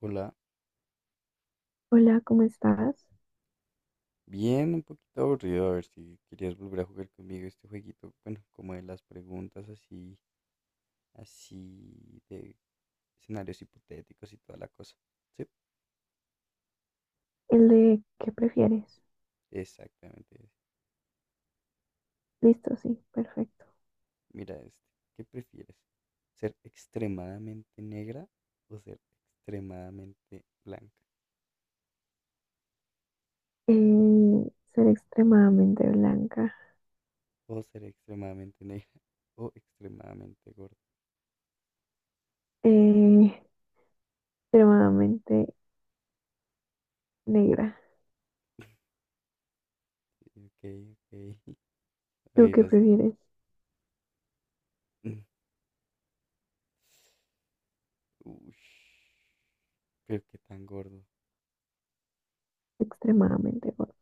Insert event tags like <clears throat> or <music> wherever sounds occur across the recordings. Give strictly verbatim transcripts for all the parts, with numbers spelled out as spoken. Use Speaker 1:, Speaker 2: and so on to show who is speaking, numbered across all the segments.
Speaker 1: Hola,
Speaker 2: Hola, ¿cómo estás?
Speaker 1: bien, un poquito aburrido, a ver si querías volver a jugar conmigo este jueguito, bueno, como de las preguntas así, así de escenarios hipotéticos y toda la cosa. Sí,
Speaker 2: El de ¿qué prefieres?
Speaker 1: exactamente. Ese.
Speaker 2: Listo, sí, perfecto.
Speaker 1: Mira este, ¿qué prefieres? ¿Ser extremadamente negra o ser extremadamente blanca?
Speaker 2: Eh, ser extremadamente blanca,
Speaker 1: O ser extremadamente negra <laughs> o extremadamente gorda.
Speaker 2: eh, extremadamente negra.
Speaker 1: Ok, ok. <laughs>
Speaker 2: ¿Tú
Speaker 1: Ahí
Speaker 2: qué
Speaker 1: vas tú.
Speaker 2: prefieres?
Speaker 1: <laughs> Uy, pero qué tan gordo.
Speaker 2: Extremadamente gorda.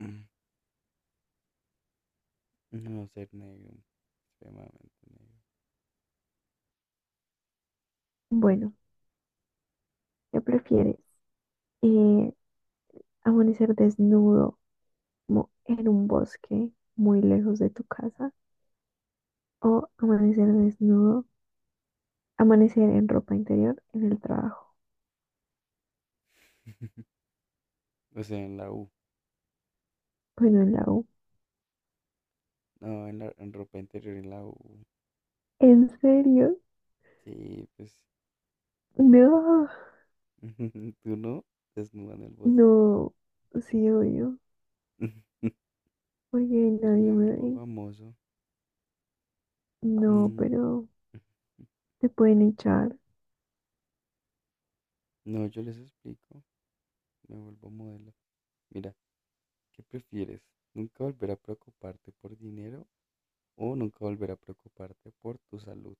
Speaker 1: <clears throat> No, ser negro, extremadamente negro. A ver,
Speaker 2: Bueno, ¿qué prefieres? Eh, Amanecer desnudo como en un bosque muy lejos de tu casa o amanecer desnudo, amanecer en ropa interior en el trabajo,
Speaker 1: o sea, en la U.
Speaker 2: bueno, en la U.
Speaker 1: No, en la en ropa interior en la U.
Speaker 2: ¿En serio?
Speaker 1: Sí, pues.
Speaker 2: No.
Speaker 1: <laughs> Tú no, desnuda en el bosque.
Speaker 2: No, sí, obvio,
Speaker 1: <laughs> No,
Speaker 2: porque
Speaker 1: pues
Speaker 2: nadie
Speaker 1: me
Speaker 2: me
Speaker 1: vuelvo
Speaker 2: ve.
Speaker 1: famoso.
Speaker 2: No,
Speaker 1: Mm,
Speaker 2: pero te pueden echar
Speaker 1: No, yo les explico. Me vuelvo modelo. Mira, ¿qué prefieres? ¿Nunca volver a preocuparte por dinero o nunca volver a preocuparte por tu salud?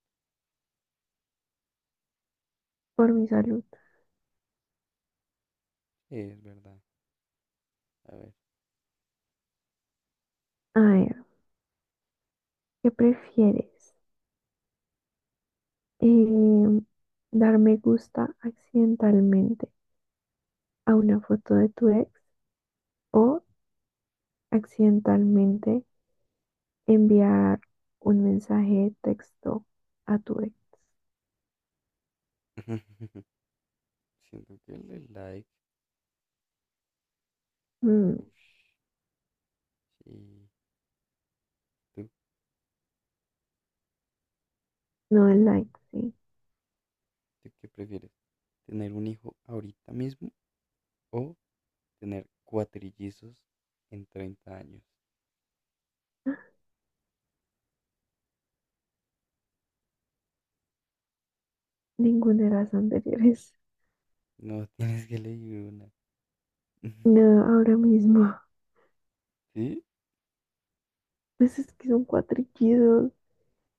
Speaker 2: por mi salud.
Speaker 1: Sí, es verdad. A ver.
Speaker 2: A ver, ¿qué prefieres? Em, ¿Dar me gusta accidentalmente a una foto de tu ex o accidentalmente enviar un mensaje de texto a tu ex?
Speaker 1: <laughs> Siento que el de like.
Speaker 2: Mm,
Speaker 1: Uff. Sí. ¿Tú
Speaker 2: no el like, sí.
Speaker 1: ¿Tú qué prefieres? ¿Tener un hijo ahorita mismo o tener cuatrillizos en treinta años?
Speaker 2: Ninguna de las anteriores.
Speaker 1: No <laughs> tienes que elegir una. <laughs>
Speaker 2: No, ahora mismo. <laughs>
Speaker 1: ¿Sí?
Speaker 2: Pues es que son cuatrillidos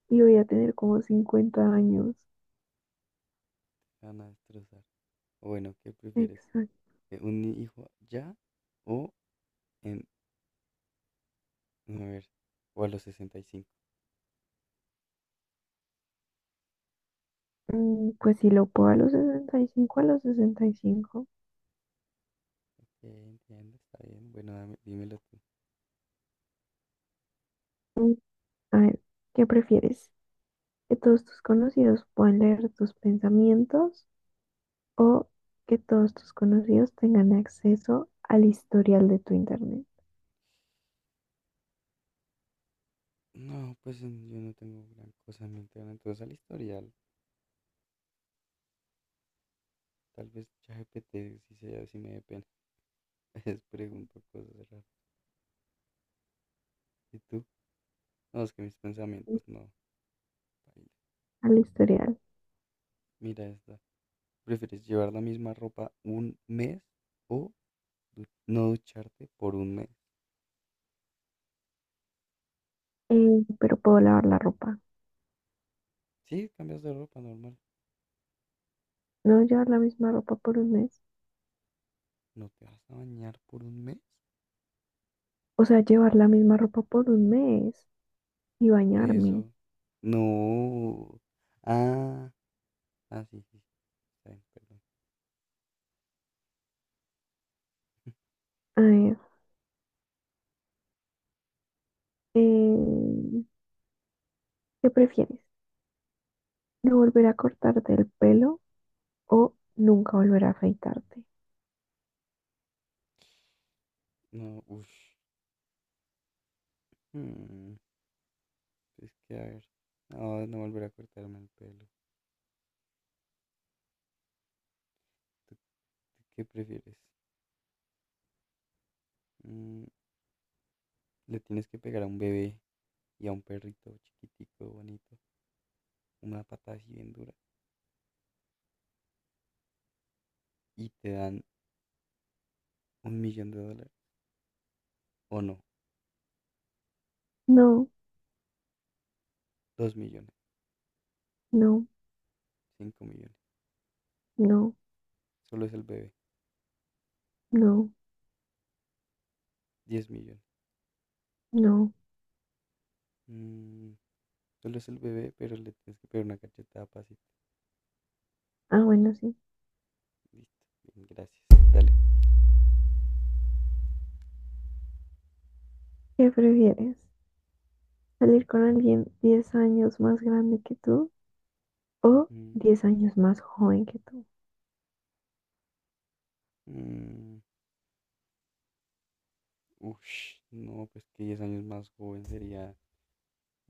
Speaker 2: y voy a tener como cincuenta años.
Speaker 1: Te van a destrozar. O bueno, ¿qué prefieres?
Speaker 2: Exacto.
Speaker 1: ¿Eh, ¿Un hijo ya o en... a ver, o a los sesenta y cinco?
Speaker 2: Mm, Pues si lo puedo a los sesenta y cinco, a los sesenta y cinco.
Speaker 1: Sí, entiendo, está bien. Bueno, dame- dímelo tú.
Speaker 2: Mm, A ver, ¿qué prefieres? ¿Que todos tus conocidos puedan leer tus pensamientos o que todos tus conocidos tengan acceso al historial de tu internet?
Speaker 1: No, pues en- yo no tengo gran cosa en mente ahora en toda esa. Tal vez ChatGPT si, se, si me dé pena. <laughs> Les pregunto cosas raras. ¿Y tú? No, es que mis
Speaker 2: Mm,
Speaker 1: pensamientos no.
Speaker 2: Al historial.
Speaker 1: Mira esta. ¿Prefieres llevar la misma ropa un mes o du- no ducharte por un mes?
Speaker 2: Eh, pero puedo lavar la ropa.
Speaker 1: Sí, cambias de ropa normal.
Speaker 2: No, llevar la misma ropa por un mes.
Speaker 1: ¿No te vas a bañar por un mes?
Speaker 2: O sea,
Speaker 1: Dios
Speaker 2: llevar la misma
Speaker 1: mío.
Speaker 2: ropa por un mes y
Speaker 1: Por
Speaker 2: bañarme.
Speaker 1: eso. No. Ah, ah, sí, sí, sí, está bien, perdón.
Speaker 2: A ver, eh, ¿qué prefieres? No volver a cortarte el pelo o nunca volver a afeitarte.
Speaker 1: No, uff. Es que a ver. No, no volver a cortarme el pelo. ¿Tú- ¿Tú qué prefieres? Mm, Le tienes que pegar a un bebé y a un perrito chiquitico, bonito, una patada así bien dura y te dan un millón de dólares. O no,
Speaker 2: No,
Speaker 1: dos millones,
Speaker 2: no,
Speaker 1: cinco millones.
Speaker 2: no,
Speaker 1: Solo es el bebé,
Speaker 2: no,
Speaker 1: diez millones.
Speaker 2: no.
Speaker 1: Mm, solo es el bebé, pero le tienes que pegar una cachetada pasita.
Speaker 2: Ah, bueno, sí.
Speaker 1: Listo, bien, gracias. Dale.
Speaker 2: ¿Qué prefieres? ¿Salir con alguien diez años más grande que tú o
Speaker 1: Ujú.
Speaker 2: diez años más joven que tú?
Speaker 1: Mm, ush, no, pues que diez años más joven sería.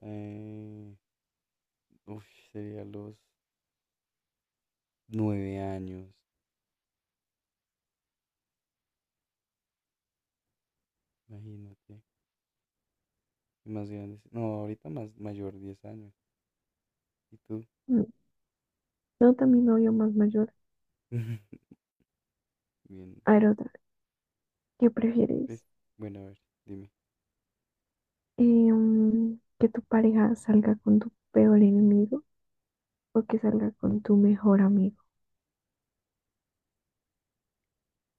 Speaker 1: eh, ush, Sería los nueve años. Imagínate. Más grande. No, ahorita más mayor, diez años. ¿Y tú?
Speaker 2: Mm, No, también novio más mayor.
Speaker 1: <laughs> Bien.
Speaker 2: A ver, otra. ¿Qué
Speaker 1: Yo pref-
Speaker 2: prefieres?
Speaker 1: Bueno, a ver, dime.
Speaker 2: Eh, mm, ¿Que tu pareja salga con tu peor enemigo o que salga con tu mejor amigo?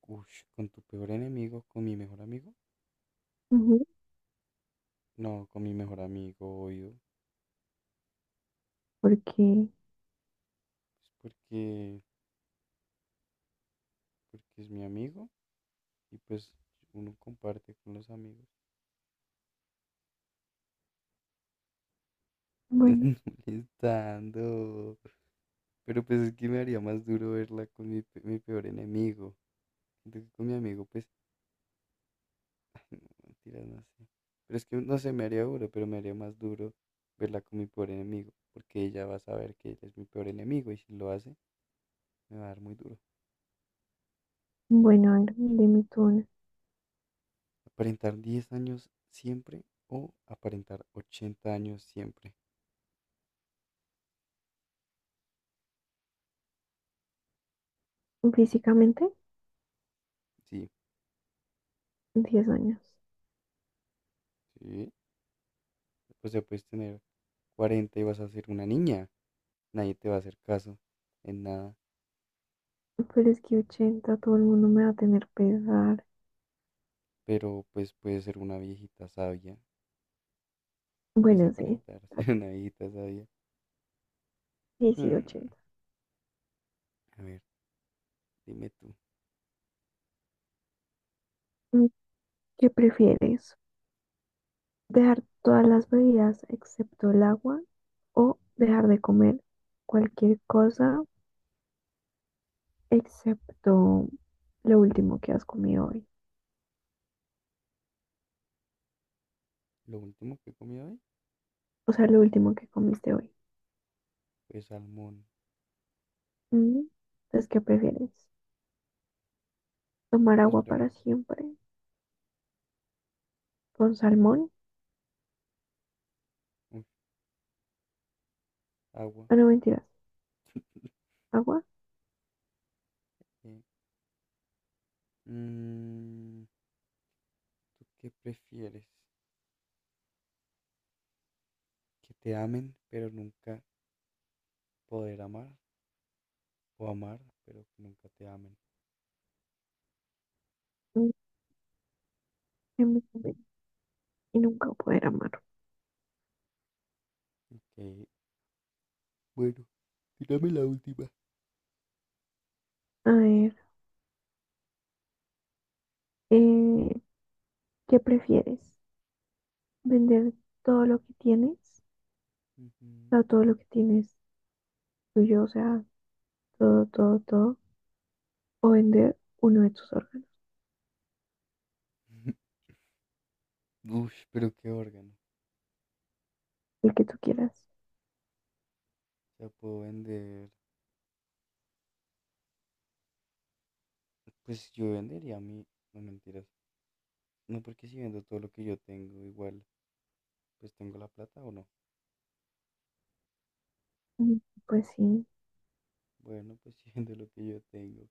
Speaker 1: Ush, ¿con tu peor enemigo? ¿Con mi mejor amigo?
Speaker 2: Ujú,
Speaker 1: No, con mi mejor amigo, obvio.
Speaker 2: porque,
Speaker 1: Pues porque, Porque es mi amigo y pues uno comparte con los amigos.
Speaker 2: bueno,
Speaker 1: <laughs> Molestando. Pero pues es que me haría más duro verla con mi, pe- mi peor enemigo. Siento que con mi amigo, pues, mentira no sé. Pero es que no sé, me haría duro, pero me haría más duro verla con mi peor enemigo. Porque ella va a saber que ella es mi peor enemigo y si lo hace, me va a dar muy duro.
Speaker 2: bueno, a ver, dime tú una.
Speaker 1: ¿Aparentar diez años siempre o aparentar ochenta años siempre?
Speaker 2: Físicamente,
Speaker 1: Sí,
Speaker 2: diez años.
Speaker 1: sí. O sea, puedes tener cuarenta y vas a ser una niña. Nadie te va a hacer caso en nada.
Speaker 2: Pero es que ochenta todo el mundo me va a tener pesar.
Speaker 1: Pero pues puedes ser una viejita sabia. Puedes
Speaker 2: Bueno, sí.
Speaker 1: aparentar <laughs> ser una viejita sabia.
Speaker 2: Sí, sí,
Speaker 1: Hmm,
Speaker 2: ochenta.
Speaker 1: a ver, dime tú.
Speaker 2: Mm, ¿Qué prefieres? ¿Dejar todas las bebidas excepto el agua o dejar de comer cualquier cosa excepto lo último que has comido hoy?
Speaker 1: Lo último que comí hoy
Speaker 2: O sea, lo último que comiste hoy.
Speaker 1: fue salmón.
Speaker 2: Mm, Entonces, ¿qué prefieres? ¿Tomar agua
Speaker 1: Espérame.
Speaker 2: para siempre con salmón?
Speaker 1: Uf, agua.
Speaker 2: Ah, no, mentiras. ¿Agua?
Speaker 1: eh, mm, ¿Tú qué prefieres? ¿Que te amen pero nunca poder amar? O amar, pero que nunca te amen.
Speaker 2: Mm, que me comen y nunca poder amar.
Speaker 1: Ok, bueno, tírame la última.
Speaker 2: A ver, eh, ¿qué prefieres? ¿Vender todo lo que tienes?
Speaker 1: Ujú.
Speaker 2: O sea, todo lo que tienes tuyo, o sea, todo, todo, todo. ¿O vender uno de tus órganos?
Speaker 1: <laughs> Ush, pero qué órgano.
Speaker 2: El que tú quieras.
Speaker 1: O sea, puedo vender. Pues yo vendería mi. No, mentiras. No, porque si vendo todo lo que yo tengo, igual, pues tengo la plata o no.
Speaker 2: Mm, pues sí.
Speaker 1: Bueno, pues <laughs> si vendo lo que yo tengo.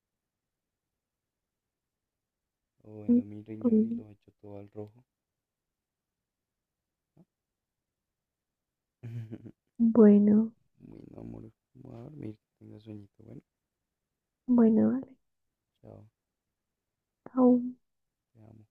Speaker 1: O vendo
Speaker 2: Mm,
Speaker 1: mi riñón y
Speaker 2: mm.
Speaker 1: lo echo todo al rojo. ¿No? <laughs>
Speaker 2: Bueno,
Speaker 1: Bueno, amor, voy a dormir, que tenga sueñito. Bueno,
Speaker 2: bueno, vale.
Speaker 1: chao,
Speaker 2: Chao.
Speaker 1: te amo.